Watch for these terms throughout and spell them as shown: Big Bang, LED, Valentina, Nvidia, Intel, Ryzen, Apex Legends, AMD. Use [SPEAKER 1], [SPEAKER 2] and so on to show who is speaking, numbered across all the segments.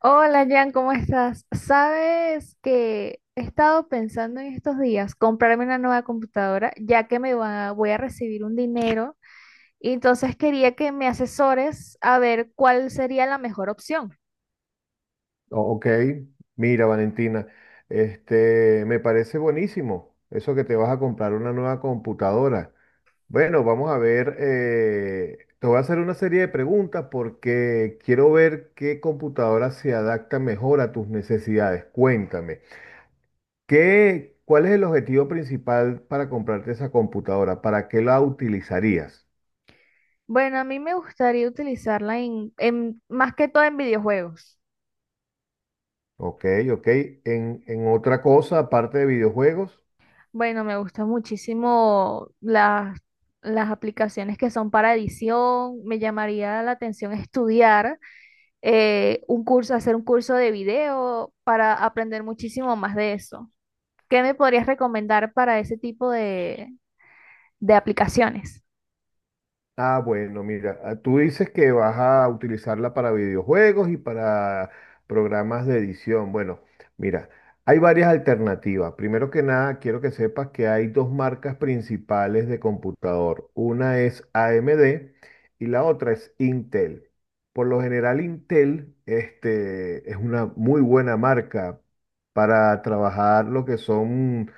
[SPEAKER 1] Hola Jan, ¿cómo estás? Sabes que he estado pensando en estos días comprarme una nueva computadora, ya que voy a recibir un dinero, y entonces quería que me asesores a ver cuál sería la mejor opción.
[SPEAKER 2] Ok, mira, Valentina. Me parece buenísimo eso que te vas a comprar una nueva computadora. Bueno, vamos a ver. Te voy a hacer una serie de preguntas porque quiero ver qué computadora se adapta mejor a tus necesidades. Cuéntame, ¿cuál es el objetivo principal para comprarte esa computadora? ¿Para qué la utilizarías?
[SPEAKER 1] Bueno, a mí me gustaría utilizarla más que todo en videojuegos.
[SPEAKER 2] Ok, ok. En otra cosa, aparte de videojuegos.
[SPEAKER 1] Bueno, me gustan muchísimo las aplicaciones que son para edición, me llamaría la atención estudiar un curso, hacer un curso de video para aprender muchísimo más de eso. ¿Qué me podrías recomendar para ese tipo de aplicaciones?
[SPEAKER 2] Ah, bueno, mira. Ah, tú dices que vas a utilizarla para videojuegos y para programas de edición. Bueno, mira, hay varias alternativas. Primero que nada, quiero que sepas que hay dos marcas principales de computador. Una es AMD y la otra es Intel. Por lo general, Intel, es una muy buena marca para trabajar lo que son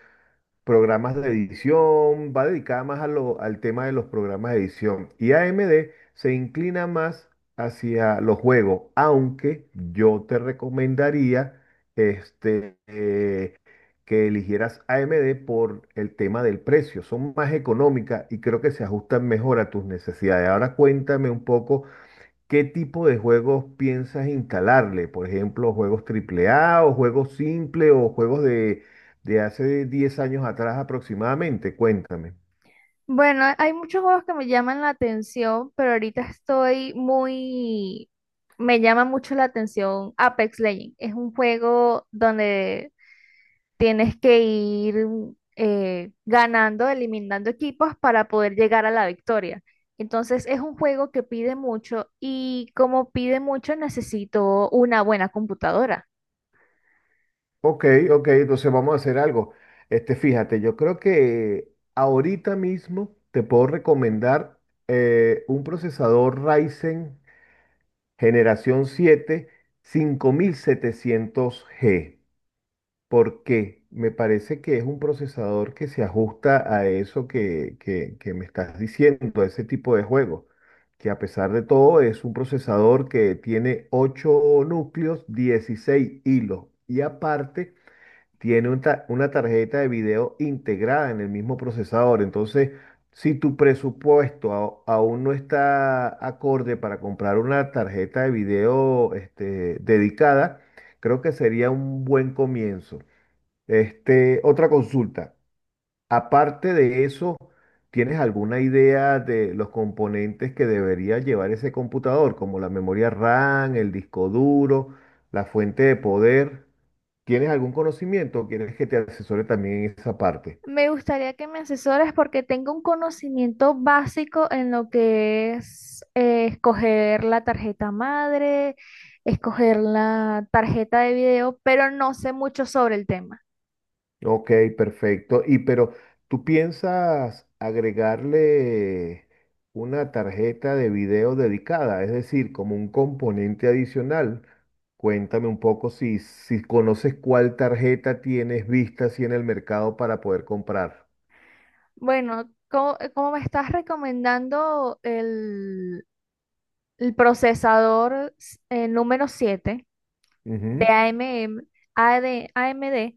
[SPEAKER 2] programas de edición, va dedicada más al tema de los programas de edición. Y AMD se inclina más hacia los juegos, aunque yo te recomendaría, este, eh, que eligieras AMD por el tema del precio. Son más económicas y creo que se ajustan mejor a tus necesidades. Ahora cuéntame un poco. ¿Qué tipo de juegos piensas instalarle? Por ejemplo, juegos AAA o juegos simples o juegos de hace 10 años atrás aproximadamente. Cuéntame.
[SPEAKER 1] Bueno, hay muchos juegos que me llaman la atención, pero ahorita estoy muy... Me llama mucho la atención Apex Legends. Es un juego donde tienes que ir ganando, eliminando equipos para poder llegar a la victoria. Entonces es un juego que pide mucho y como pide mucho necesito una buena computadora.
[SPEAKER 2] Ok, ok, entonces vamos a hacer algo. Fíjate, yo creo que ahorita mismo te puedo recomendar, un procesador Ryzen generación 7, 5700 g, porque me parece que es un procesador que se ajusta a eso que me estás diciendo, a ese tipo de juego, que a pesar de todo es un procesador que tiene 8 núcleos, 16 hilos, y aparte tiene una tarjeta de video integrada en el mismo procesador. Entonces, si tu presupuesto aún no está acorde para comprar una tarjeta de video dedicada, creo que sería un buen comienzo. Otra consulta. Aparte de eso, ¿tienes alguna idea de los componentes que debería llevar ese computador, como la memoria RAM, el disco duro, la fuente de poder? ¿Tienes algún conocimiento o quieres que te asesore también en esa parte?
[SPEAKER 1] Me gustaría que me asesores porque tengo un conocimiento básico en lo que es escoger la tarjeta madre, escoger la tarjeta de video, pero no sé mucho sobre el tema.
[SPEAKER 2] Ok, perfecto. Y pero, ¿tú piensas agregarle una tarjeta de video dedicada? Es decir, como un componente adicional. Cuéntame un poco si conoces cuál tarjeta tienes vista así en el mercado para poder comprar.
[SPEAKER 1] Como me estás recomendando el procesador número 7. De
[SPEAKER 2] Ujú.
[SPEAKER 1] AMM, AD AMD,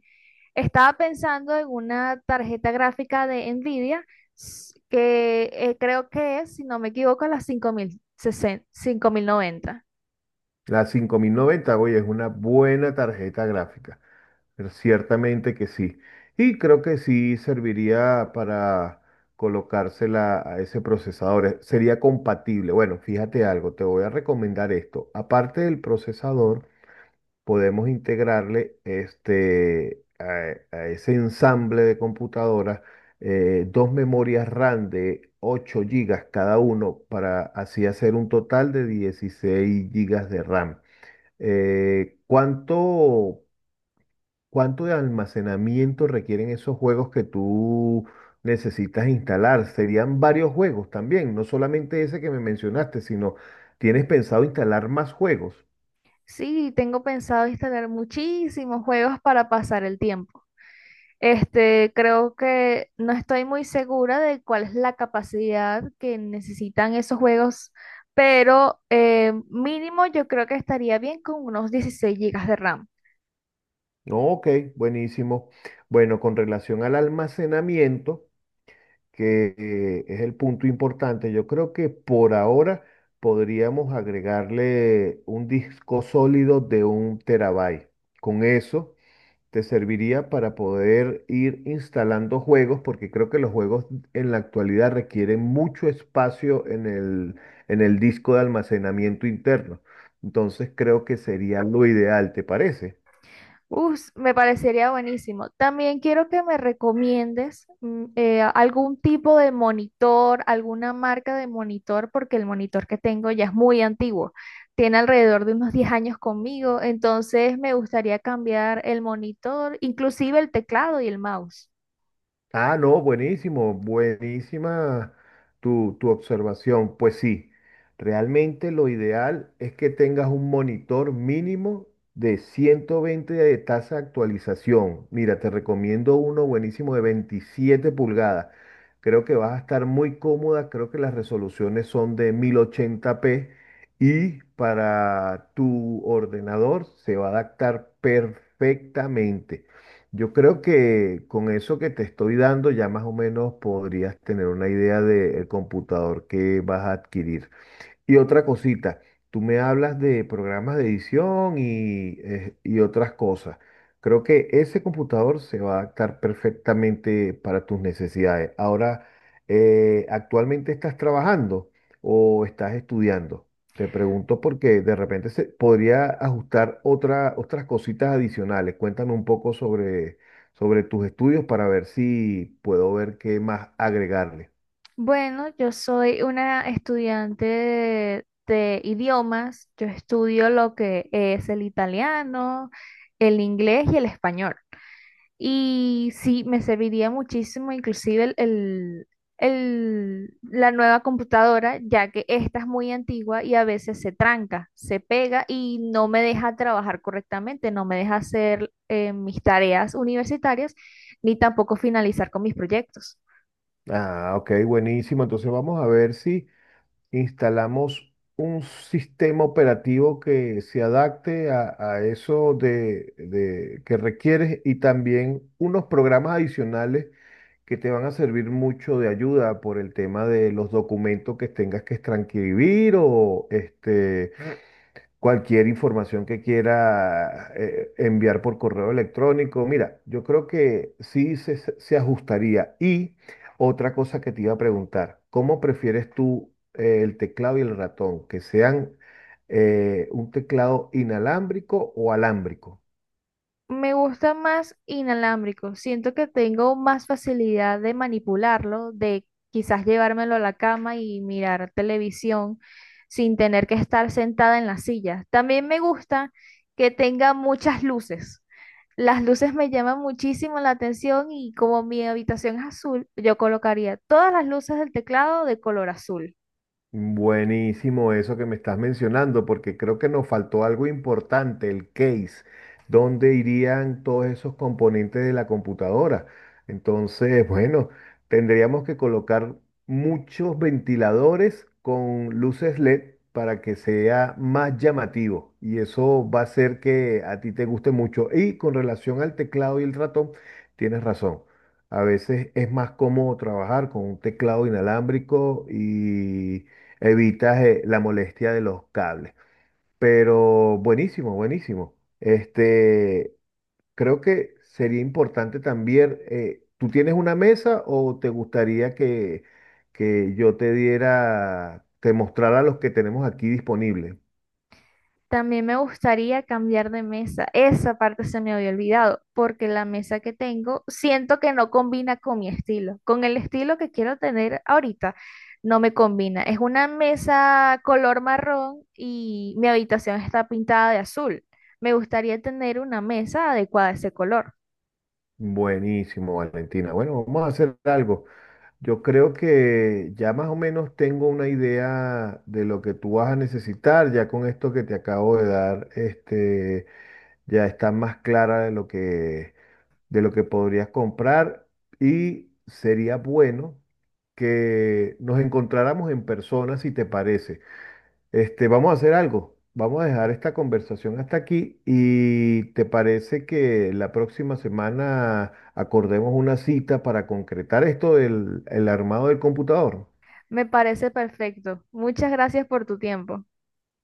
[SPEAKER 1] estaba pensando en una tarjeta gráfica de Nvidia s- que creo que es, si no me equivoco, la 5060, 5090.
[SPEAKER 2] La 5090, oye, es una buena tarjeta gráfica. Pero ciertamente que sí. Y creo que sí serviría para colocársela a ese procesador. Sería compatible. Bueno, fíjate algo, te voy a recomendar esto. Aparte del procesador, podemos integrarle a ese ensamble de computadoras, dos memorias RAM de 8 gigas cada uno para así hacer un total de 16 gigas de RAM. ¿Cuánto? ¿Cuánto de almacenamiento requieren esos juegos que tú necesitas instalar? Serían varios juegos también, no solamente ese que me mencionaste, sino tienes pensado instalar más juegos.
[SPEAKER 1] Sí, tengo pensado instalar muchísimos juegos para pasar el tiempo. Este, creo que no estoy muy segura de cuál es la capacidad que necesitan esos juegos, pero mínimo yo creo que estaría bien con unos 16 gigas de RAM.
[SPEAKER 2] No, ok, buenísimo. Bueno, con relación al almacenamiento, que, es el punto importante, yo creo que por ahora podríamos agregarle un disco sólido de un terabyte. Con eso te serviría para poder ir instalando juegos, porque creo que los juegos en la actualidad requieren mucho espacio en el disco de almacenamiento interno. Entonces creo que sería lo ideal, ¿te parece?
[SPEAKER 1] Uf, me parecería buenísimo. También quiero que me recomiendes algún tipo de monitor, alguna marca de monitor, porque el monitor que tengo ya es muy antiguo. Tiene alrededor de unos 10 años conmigo, entonces me gustaría cambiar el monitor, inclusive el teclado y el mouse.
[SPEAKER 2] Ah, no, buenísimo, buenísima tu observación. Pues sí, realmente lo ideal es que tengas un monitor mínimo de 120 de tasa de actualización. Mira, te recomiendo uno buenísimo de 27 pulgadas. Creo que vas a estar muy cómoda, creo que las resoluciones son de 1080p y para tu ordenador se va a adaptar perfectamente. Yo creo que con eso que te estoy dando ya más o menos podrías tener una idea del computador que vas a adquirir. Y otra cosita, tú me hablas de programas de edición y otras cosas. Creo que ese computador se va a adaptar perfectamente para tus necesidades. Ahora, ¿actualmente estás trabajando o estás estudiando? Te pregunto porque de repente se podría ajustar otra, otras cositas adicionales. Cuéntame un poco sobre tus estudios para ver si puedo ver qué más agregarle.
[SPEAKER 1] Bueno, yo soy una estudiante de idiomas. Yo estudio lo que es el italiano, el inglés y el español. Y sí, me serviría muchísimo inclusive la nueva computadora, ya que esta es muy antigua y a veces se tranca, se pega y no me deja trabajar correctamente, no me deja hacer mis tareas universitarias ni tampoco finalizar con mis proyectos.
[SPEAKER 2] Ah, ok, buenísimo. Entonces vamos a ver si instalamos un sistema operativo que se adapte a eso que requieres y también unos programas adicionales que te van a servir mucho de ayuda por el tema de los documentos que tengas que transcribir o cualquier información que quiera enviar por correo electrónico. Mira, yo creo que sí se ajustaría. Y otra cosa que te iba a preguntar, ¿cómo prefieres tú, el teclado y el ratón? ¿Que sean, un teclado inalámbrico o alámbrico?
[SPEAKER 1] Me gusta más inalámbrico. Siento que tengo más facilidad de manipularlo, de quizás llevármelo a la cama y mirar televisión sin tener que estar sentada en la silla. También me gusta que tenga muchas luces. Las luces me llaman muchísimo la atención y como mi habitación es azul, yo colocaría todas las luces del teclado de color azul.
[SPEAKER 2] Buenísimo eso que me estás mencionando, porque creo que nos faltó algo importante, el case, dónde irían todos esos componentes de la computadora. Entonces, bueno, tendríamos que colocar muchos ventiladores con luces LED para que sea más llamativo y eso va a hacer que a ti te guste mucho. Y con relación al teclado y el ratón, tienes razón. A veces es más cómodo trabajar con un teclado inalámbrico y evitas la molestia de los cables. Pero buenísimo, buenísimo. Creo que sería importante también. ¿Tú tienes una mesa o te gustaría que yo te diera, te mostrara los que tenemos aquí disponibles?
[SPEAKER 1] También me gustaría cambiar de mesa. Esa parte se me había olvidado, porque la mesa que tengo siento que no combina con mi estilo. Con el estilo que quiero tener ahorita, no me combina. Es una mesa color marrón y mi habitación está pintada de azul. Me gustaría tener una mesa adecuada a ese color.
[SPEAKER 2] Buenísimo, Valentina. Bueno, vamos a hacer algo. Yo creo que ya más o menos tengo una idea de lo que tú vas a necesitar, ya con esto que te acabo de dar, ya está más clara de lo que podrías comprar y sería bueno que nos encontráramos en persona, si te parece. Vamos a hacer algo. Vamos a dejar esta conversación hasta aquí y te parece que la próxima semana acordemos una cita para concretar esto del el armado del computador.
[SPEAKER 1] Me parece perfecto. Muchas gracias por tu tiempo.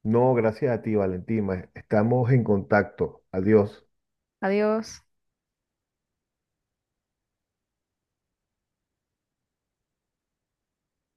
[SPEAKER 2] No, gracias a ti, Valentina. Estamos en contacto. Adiós.
[SPEAKER 1] Adiós.